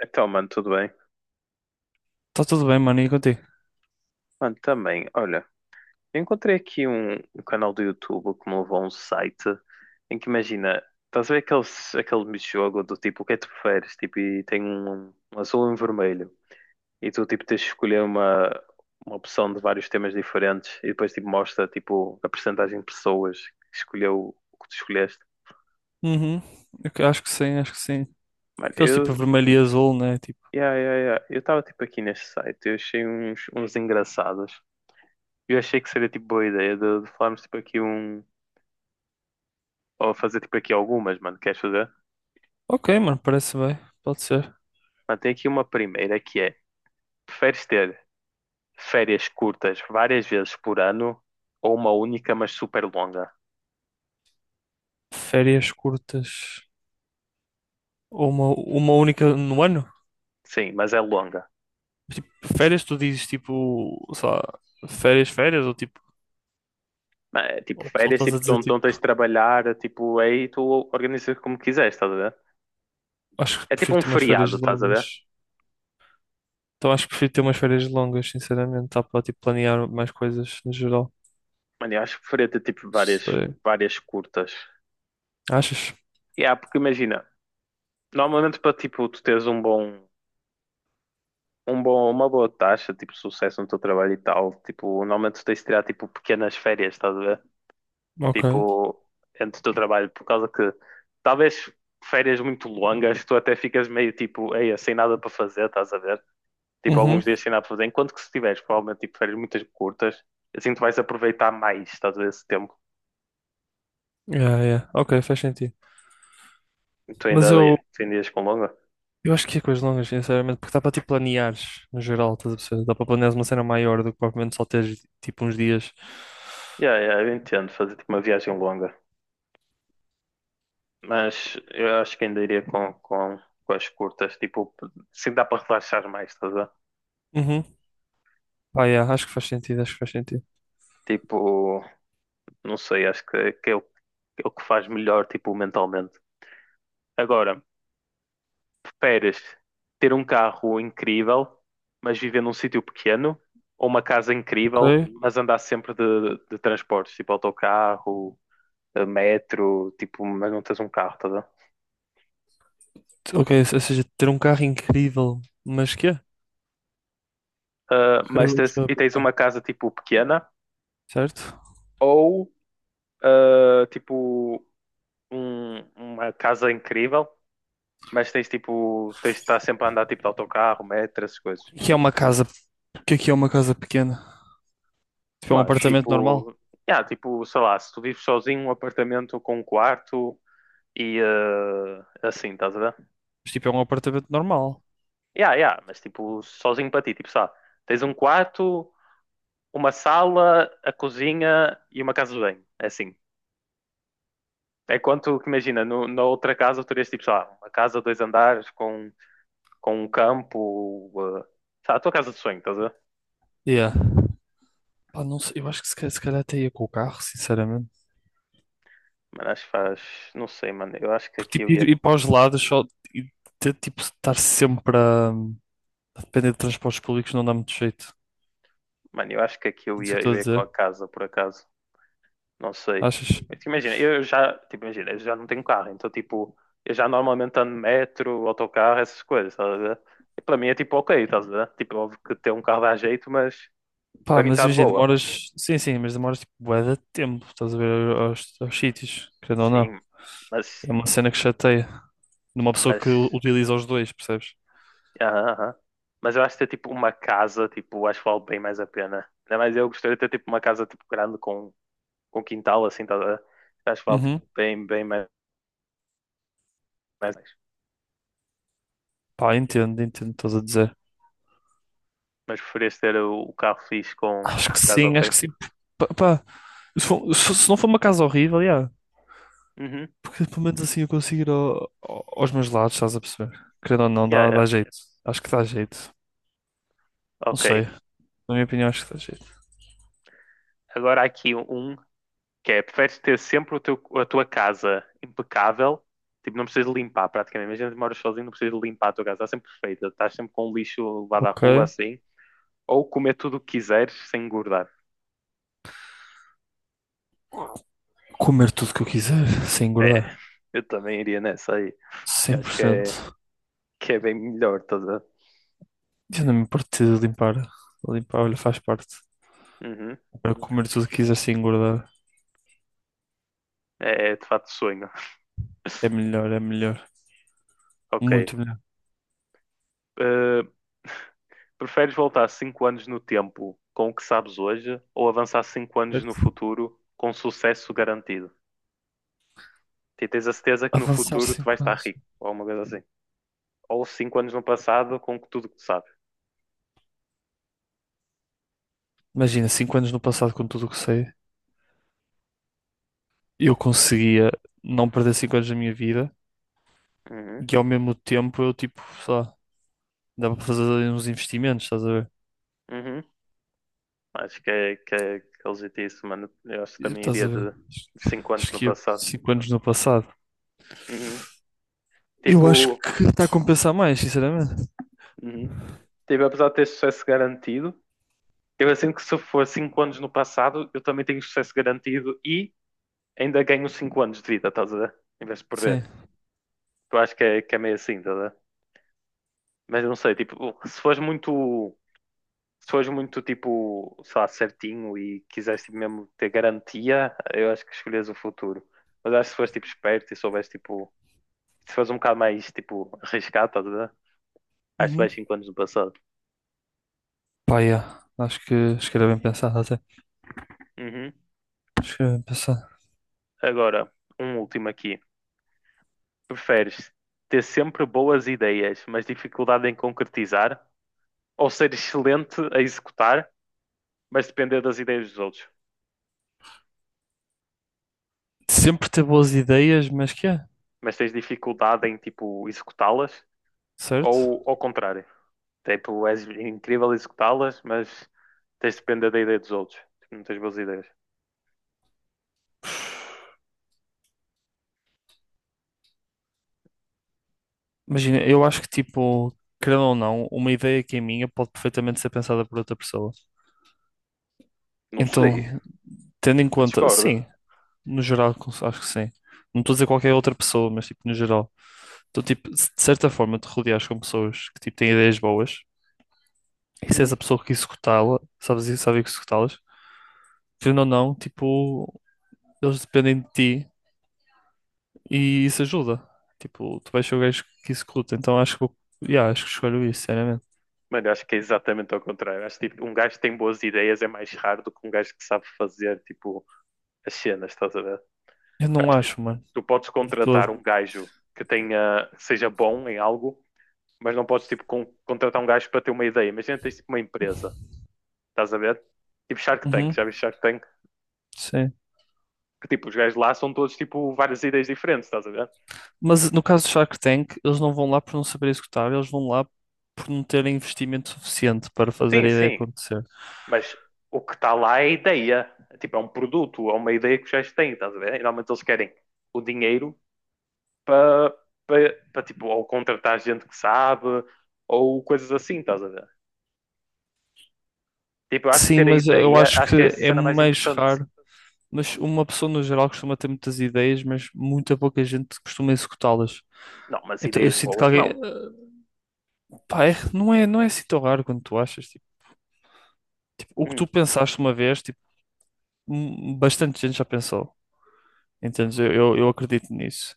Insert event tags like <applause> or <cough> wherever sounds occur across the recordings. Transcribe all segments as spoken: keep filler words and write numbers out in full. Então, mano, tudo bem? Tá tudo bem, mano, e contigo? Mano, também, olha, eu encontrei aqui um, um canal do YouTube que me levou a um site em que imagina, estás a ver aqueles, aquele jogo do tipo, o que é que tu preferes? Tipo, e tem um, um azul e um vermelho. E tu, tipo, tens de escolher uma, uma opção de vários temas diferentes e depois, tipo, mostra, tipo, a percentagem de pessoas que escolheu o que tu escolheste. Uhum. Eu que- acho que sim, acho que sim. Mano, Aqueles tipo eu, vermelho e azul, né? Tipo, yeah, yeah, yeah. Eu estava, tipo, aqui neste site, eu achei uns, uns engraçados. Eu achei que seria, tipo, boa ideia de, de falarmos, tipo, aqui um. Vou fazer tipo aqui algumas, mano. Queres fazer? ok, mano, parece bem. Pode ser. Mano, tem aqui uma primeira que é: preferes ter férias curtas várias vezes por ano ou uma única, mas super longa? Férias curtas. Ou uma, uma única no ano? Sim, mas é longa. Tipo, férias, tu dizes tipo, sei lá, férias, férias, ou tipo, Mano, é tipo ou, ou férias, estás tipo, a tu dizer não tu não tipo, tens de trabalhar, tipo, aí tu organizas como quiseres, estás a ver? acho que É tipo prefiro um ter umas férias feriado, estás a longas. ver? Então acho que prefiro ter umas férias longas, sinceramente, dá para tipo planear mais coisas no geral. Mano, eu acho que preferia ter tipo várias, Sei. várias curtas. Achas? E yeah, porque imagina, normalmente para tipo tu teres um bom, um bom, uma boa taxa, tipo, sucesso no teu trabalho e tal. Tipo, normalmente tu tens de tirar, tipo, pequenas férias, estás a ver? Ok. Tipo, entre o teu trabalho, por causa que talvez férias muito longas, tu até ficas meio, tipo, eia, sem nada para fazer, estás a ver? Tipo, Uhum. alguns dias sem nada para fazer. Enquanto que se tiveres, provavelmente, tipo, férias muito curtas, assim tu vais aproveitar mais, estás a ver, esse tempo. Yeah, yeah. Ok, faz sentido. Tu ainda, Mas eu, tu ainda ias com longa? eu acho que é coisas longas, sinceramente, porque dá para tipo planeares no geral, estás a perceber? Dá para planeares uma cena maior do que propriamente só teres tipo uns dias. Yeah, yeah, eu entendo, fazer, tipo, uma viagem longa. Mas eu acho que ainda iria com, com, com as curtas, tipo, se dá para relaxar mais, estás a ver? Uhum. Pá, yeah, acho que faz sentido, acho que faz sentido. Tipo, não sei, acho que, que é o, é o que faz melhor, tipo, mentalmente. Agora, preferes ter um carro incrível, mas viver num sítio pequeno, ou uma casa Ok, incrível, mas andar sempre de, de transportes, tipo autocarro, eh, metro, tipo, mas não tens um carro, estás a ver? ok, ou seja, ter um carro incrível, mas que é? Ah, Carro mas de tens, e escape, tens tá. uma casa, tipo, pequena, Certo? ou, ah, tipo um- uma casa incrível, mas tens tipo, tens de estar sempre a andar tipo de autocarro, metro, essas coisas. O que é que é uma casa? O que é que é uma casa pequena? Tipo, é um Mano, apartamento normal? tipo, yeah, tipo, sei lá, se tu vives sozinho, um apartamento com um quarto e eh, assim, estás a ver? Mas tipo, é um apartamento normal. Yeah, yeah, mas tipo, sozinho para ti, tipo, sei, tens um quarto, uma sala, a cozinha e uma casa de banho, é assim. É quanto que imagina, no, na outra casa tu terias tipo, sei lá, uma casa, dois andares com, com um campo, eh, sei lá, a tua casa de sonho, estás a ver? Yeah. Pá, não sei, eu acho que se, ca- se calhar até ia com o carro, sinceramente. Mano, acho que faz. Não sei, mano. Eu acho que Porque aqui eu tipo, ia. ir, ir para os lados só e ter, tipo, estar sempre a, a depender de transportes públicos não dá muito jeito. Mano, eu acho que aqui eu É isso ia, que eu estou eu a ia com a dizer. casa, por acaso. Não sei. Achas? Mas, tipo, imagina, eu já. Tipo, imagina, eu já não tenho carro, então, tipo, eu já normalmente ando metro, autocarro, essas coisas, estás a ver? E para mim é tipo, ok, estás a ver? Tipo, óbvio que ter um carro dá jeito, mas para Pá, mim mas está de imagina, boa. demoras. Sim, sim, mas demoras tipo bué de tempo, estás a ver aos, aos sítios, querendo ou não. Sim, mas. É uma cena que chateia. De uma pessoa que u- Mas. utiliza os dois, percebes? Aham, aham. Mas eu acho que ter, tipo, uma casa, tipo, acho que vale bem mais a pena. Ainda mais eu gostaria de ter, tipo, uma casa, tipo, grande com com quintal, assim, estás a a asfalto Uhum. bem, bem mais. Mais nice. Pá, entendo, entendo o que estás a dizer. Mas preferias ter o, o carro fixe com, Acho com que a casa sim, acho ok? que sim. Pá, pá, se for- se- se não for uma casa horrível, yeah. Uhum. Porque pelo menos assim eu consigo ir ao- ao- aos meus lados, estás a perceber? Querendo ou não, Yeah, dá, yeah. dá jeito. Acho que dá jeito. Não Ok. sei. Na minha opinião, acho que dá jeito. Agora há aqui um que é, preferes ter sempre o teu, a tua casa impecável, tipo, não precisas de limpar praticamente. Imagina que moras sozinho, não precisas de limpar a tua casa, está sempre perfeita, estás sempre com o lixo levado à Ok. rua assim, ou comer tudo o que quiseres sem engordar. Comer tudo que eu quiser, sem É, engordar. eu também iria nessa aí. Eu Cem por acho que é, cento, que é bem melhor, toda. Eu não me importo de limpar. Limpar, olha, faz parte. Uhum. Para comer tudo que quiser sem engordar. É, é de fato sonho. É <laughs> melhor, é melhor. Ok. Muito melhor. Uh, preferes voltar cinco anos no tempo com o que sabes hoje ou avançar cinco anos no Certo? futuro com sucesso garantido? E tens a certeza que no Avançar futuro tu vais cinco estar anos. rico, ou alguma coisa assim. Ou cinco anos no passado com tudo que tu sabes. Imagina, cinco anos no passado, com tudo o que sei, eu conseguia não perder cinco anos da minha vida Uhum, e ao mesmo tempo eu, tipo, sei lá, dava para fazer ali uns investimentos, estás a ver? uhum. Acho que é, que é, que é legítimo isso, mano. Eu acho que também Estás iria a ver? de de cinco anos Acho no que ia passado. cinco anos no passado. Uhum. Eu Tipo, acho que está a compensar mais, sinceramente. uhum. Tipo, apesar de ter sucesso garantido, eu sinto que se for cinco anos no passado, eu também tenho sucesso garantido e ainda ganho cinco anos de vida, estás a ver? Em vez de Sim. perder. Eu acho que é, que é meio assim, estás a ver? Mas eu não sei, tipo, se fores muito, se fores muito, tipo, sei lá, certinho e quiseres tipo, mesmo ter garantia, eu acho que escolhes o futuro. Mas acho que se fores, tipo, esperto e souberes, tipo, se fores um bocado mais, tipo, arriscado, estás a ver? Acho que vais Uhum. cinco anos no passado. Pá, yeah. Acho que, acho que era bem pensado até. Uhum. Acho que é pensar. Agora, um último aqui. Preferes ter sempre boas ideias, mas dificuldade em concretizar? Ou ser excelente a executar, mas depender das ideias dos outros. Sempre ter boas ideias, mas que é, Mas tens dificuldade em, tipo, executá-las certo? ou ao contrário. Tipo, és incrível a executá-las, mas tens de depender da ideia dos outros. Tipo, não tens boas ideias. Imagina, eu acho que, tipo, querendo ou não, uma ideia que é minha pode perfeitamente ser pensada por outra pessoa. Não sei, Então, tendo em eu conta, discordo. sim, no geral, acho que sim. Não estou a dizer qualquer outra pessoa, mas, tipo, no geral. Então, tipo, se de certa forma te rodeares com pessoas que, tipo, têm ideias boas, e se és a Hum. pessoa que executá-la, sabes, sabes executá-las, querendo ou não, tipo, eles dependem de ti E isso ajuda. Tipo, tu vais ser o gajo que executa. Então acho que, eu- yeah, acho que escolho isso, sinceramente. Mano, eu acho que é exatamente ao contrário. Acho que tipo, um gajo que tem boas ideias é mais raro do que um gajo que sabe fazer tipo, as cenas, estás a ver? Eu não Acho que tipo, acho, mano. tu podes De contratar um todo. gajo que tenha, seja bom em algo, mas não podes tipo, con- contratar um gajo para ter uma ideia. Imagina tens tipo, uma empresa. Estás a ver? Tipo Shark Tank, já Uhum, viste Shark Tank? sim. Que tipo, os gajos lá são todos tipo várias ideias diferentes, estás a ver? Mas no caso do Shark Tank, eles não vão lá por não saber executar, eles vão lá por não terem investimento suficiente para fazer Sim, a ideia sim, acontecer. mas o que está lá é a ideia. Tipo, é um produto, é uma ideia que os gajos têm, estás a ver? E normalmente eles querem o dinheiro para, para, para tipo, ou contratar gente que sabe, ou coisas assim, estás a ver? Tipo, eu acho que Sim, ter a mas eu ideia, acho acho que que é a é cena mais mais importante. raro. Mas uma pessoa no geral costuma ter muitas ideias, mas muita pouca gente costuma executá-las. Não, mas Então eu ideias sinto que boas, alguém. eh, não. Pá, é- não é, não é assim tão raro quanto tu achas. Tipo, tipo, o que Hum. tu pensaste uma vez, tipo, hum, bastante gente já pensou. Entendes? Eu, eu, eu acredito nisso.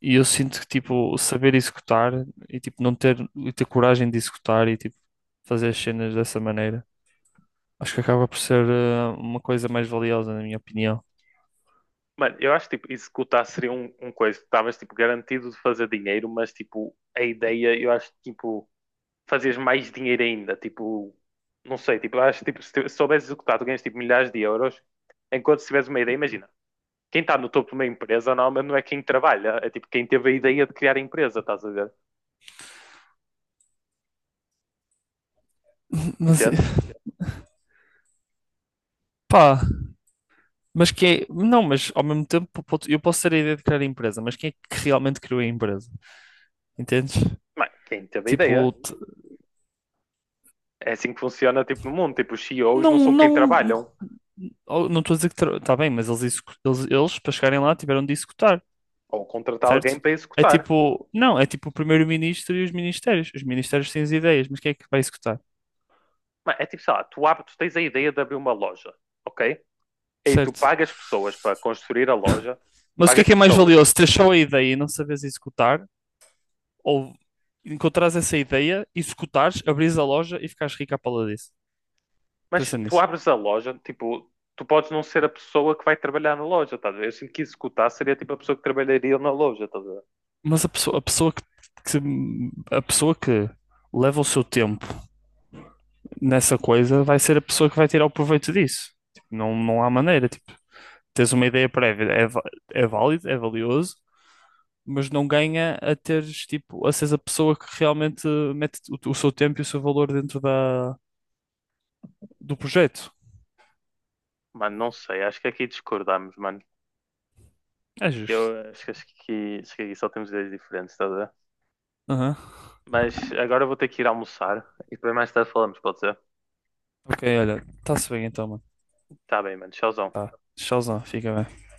E eu sinto que, tipo, saber executar e, tipo, não ter, e ter coragem de executar e, tipo, fazer as cenas dessa maneira. Acho que acaba por ser eh, uma coisa mais valiosa, na minha opinião. Mano, eu acho que tipo, executar seria um, um coisa. Estavas tipo, garantido de fazer dinheiro, mas tipo, a ideia, eu acho que tipo, fazias mais dinheiro ainda. Tipo, não sei, tipo, eu acho que tipo, se tu- se souberes executar, tu ganhas tipo, milhares de euros. Enquanto se tiveres uma ideia, imagina, quem está no topo de uma empresa normalmente não é quem trabalha, é tipo quem teve a ideia de criar a empresa, estás a ver? <laughs> Mas, eh, Entendes? pá, mas quem é... Não, mas ao mesmo tempo pode- eu posso ter a ideia de criar a empresa, mas quem é que realmente criou a empresa? Entendes? Mano, quem teve a Tipo, ideia. t- É assim que funciona tipo, no mundo. Tipo, os C E Os não não, são quem não, não, trabalham, oh, não estou a dizer que está bem, mas eles, execu- eles, eles, para chegarem lá, tiveram de executar, ou contratar alguém certo? para É executar. tipo, não, é tipo o primeiro-ministro e os ministérios. Os ministérios têm as ideias, mas quem é que vai executar? Mano, é tipo, sei lá, tu, abres, tu tens a ideia de abrir uma loja, ok? Aí tu Certo. pagas pessoas para construir a loja, Mas o que é pagas que é mais pessoas, valioso? Ter só a ideia e não saberes executar? Ou encontrares essa ideia, executares, abrires a loja e ficares rico à pala disso? mas Pensa tu nisso. abres a loja, tipo, tu podes não ser a pessoa que vai trabalhar na loja, tá a ver? Eu sinto que executar seria tipo a pessoa que trabalharia na loja, tá a ver? Mas a pessoa, a pessoa que, que- a pessoa que leva o seu tempo nessa coisa vai ser a pessoa que vai tirar o proveito disso. Tipo, não, não há maneira. Tipo, tens uma ideia prévia, é, va- é válido, é valioso, mas não ganha a teres, tipo, a seres a pessoa que realmente mete o, o seu tempo e o seu valor dentro da, do projeto. Mano, não sei, acho que aqui discordamos, mano. É justo. Eu acho que, acho que, acho que aqui só temos ideias diferentes, tá a ver? Aham. Mas agora eu vou ter que ir almoçar e depois mais tarde falamos, pode ser? Ok, olha. tá se bem então, mano. Tá bem, mano, tchauzão. Tá. Tchauzão, fica bem.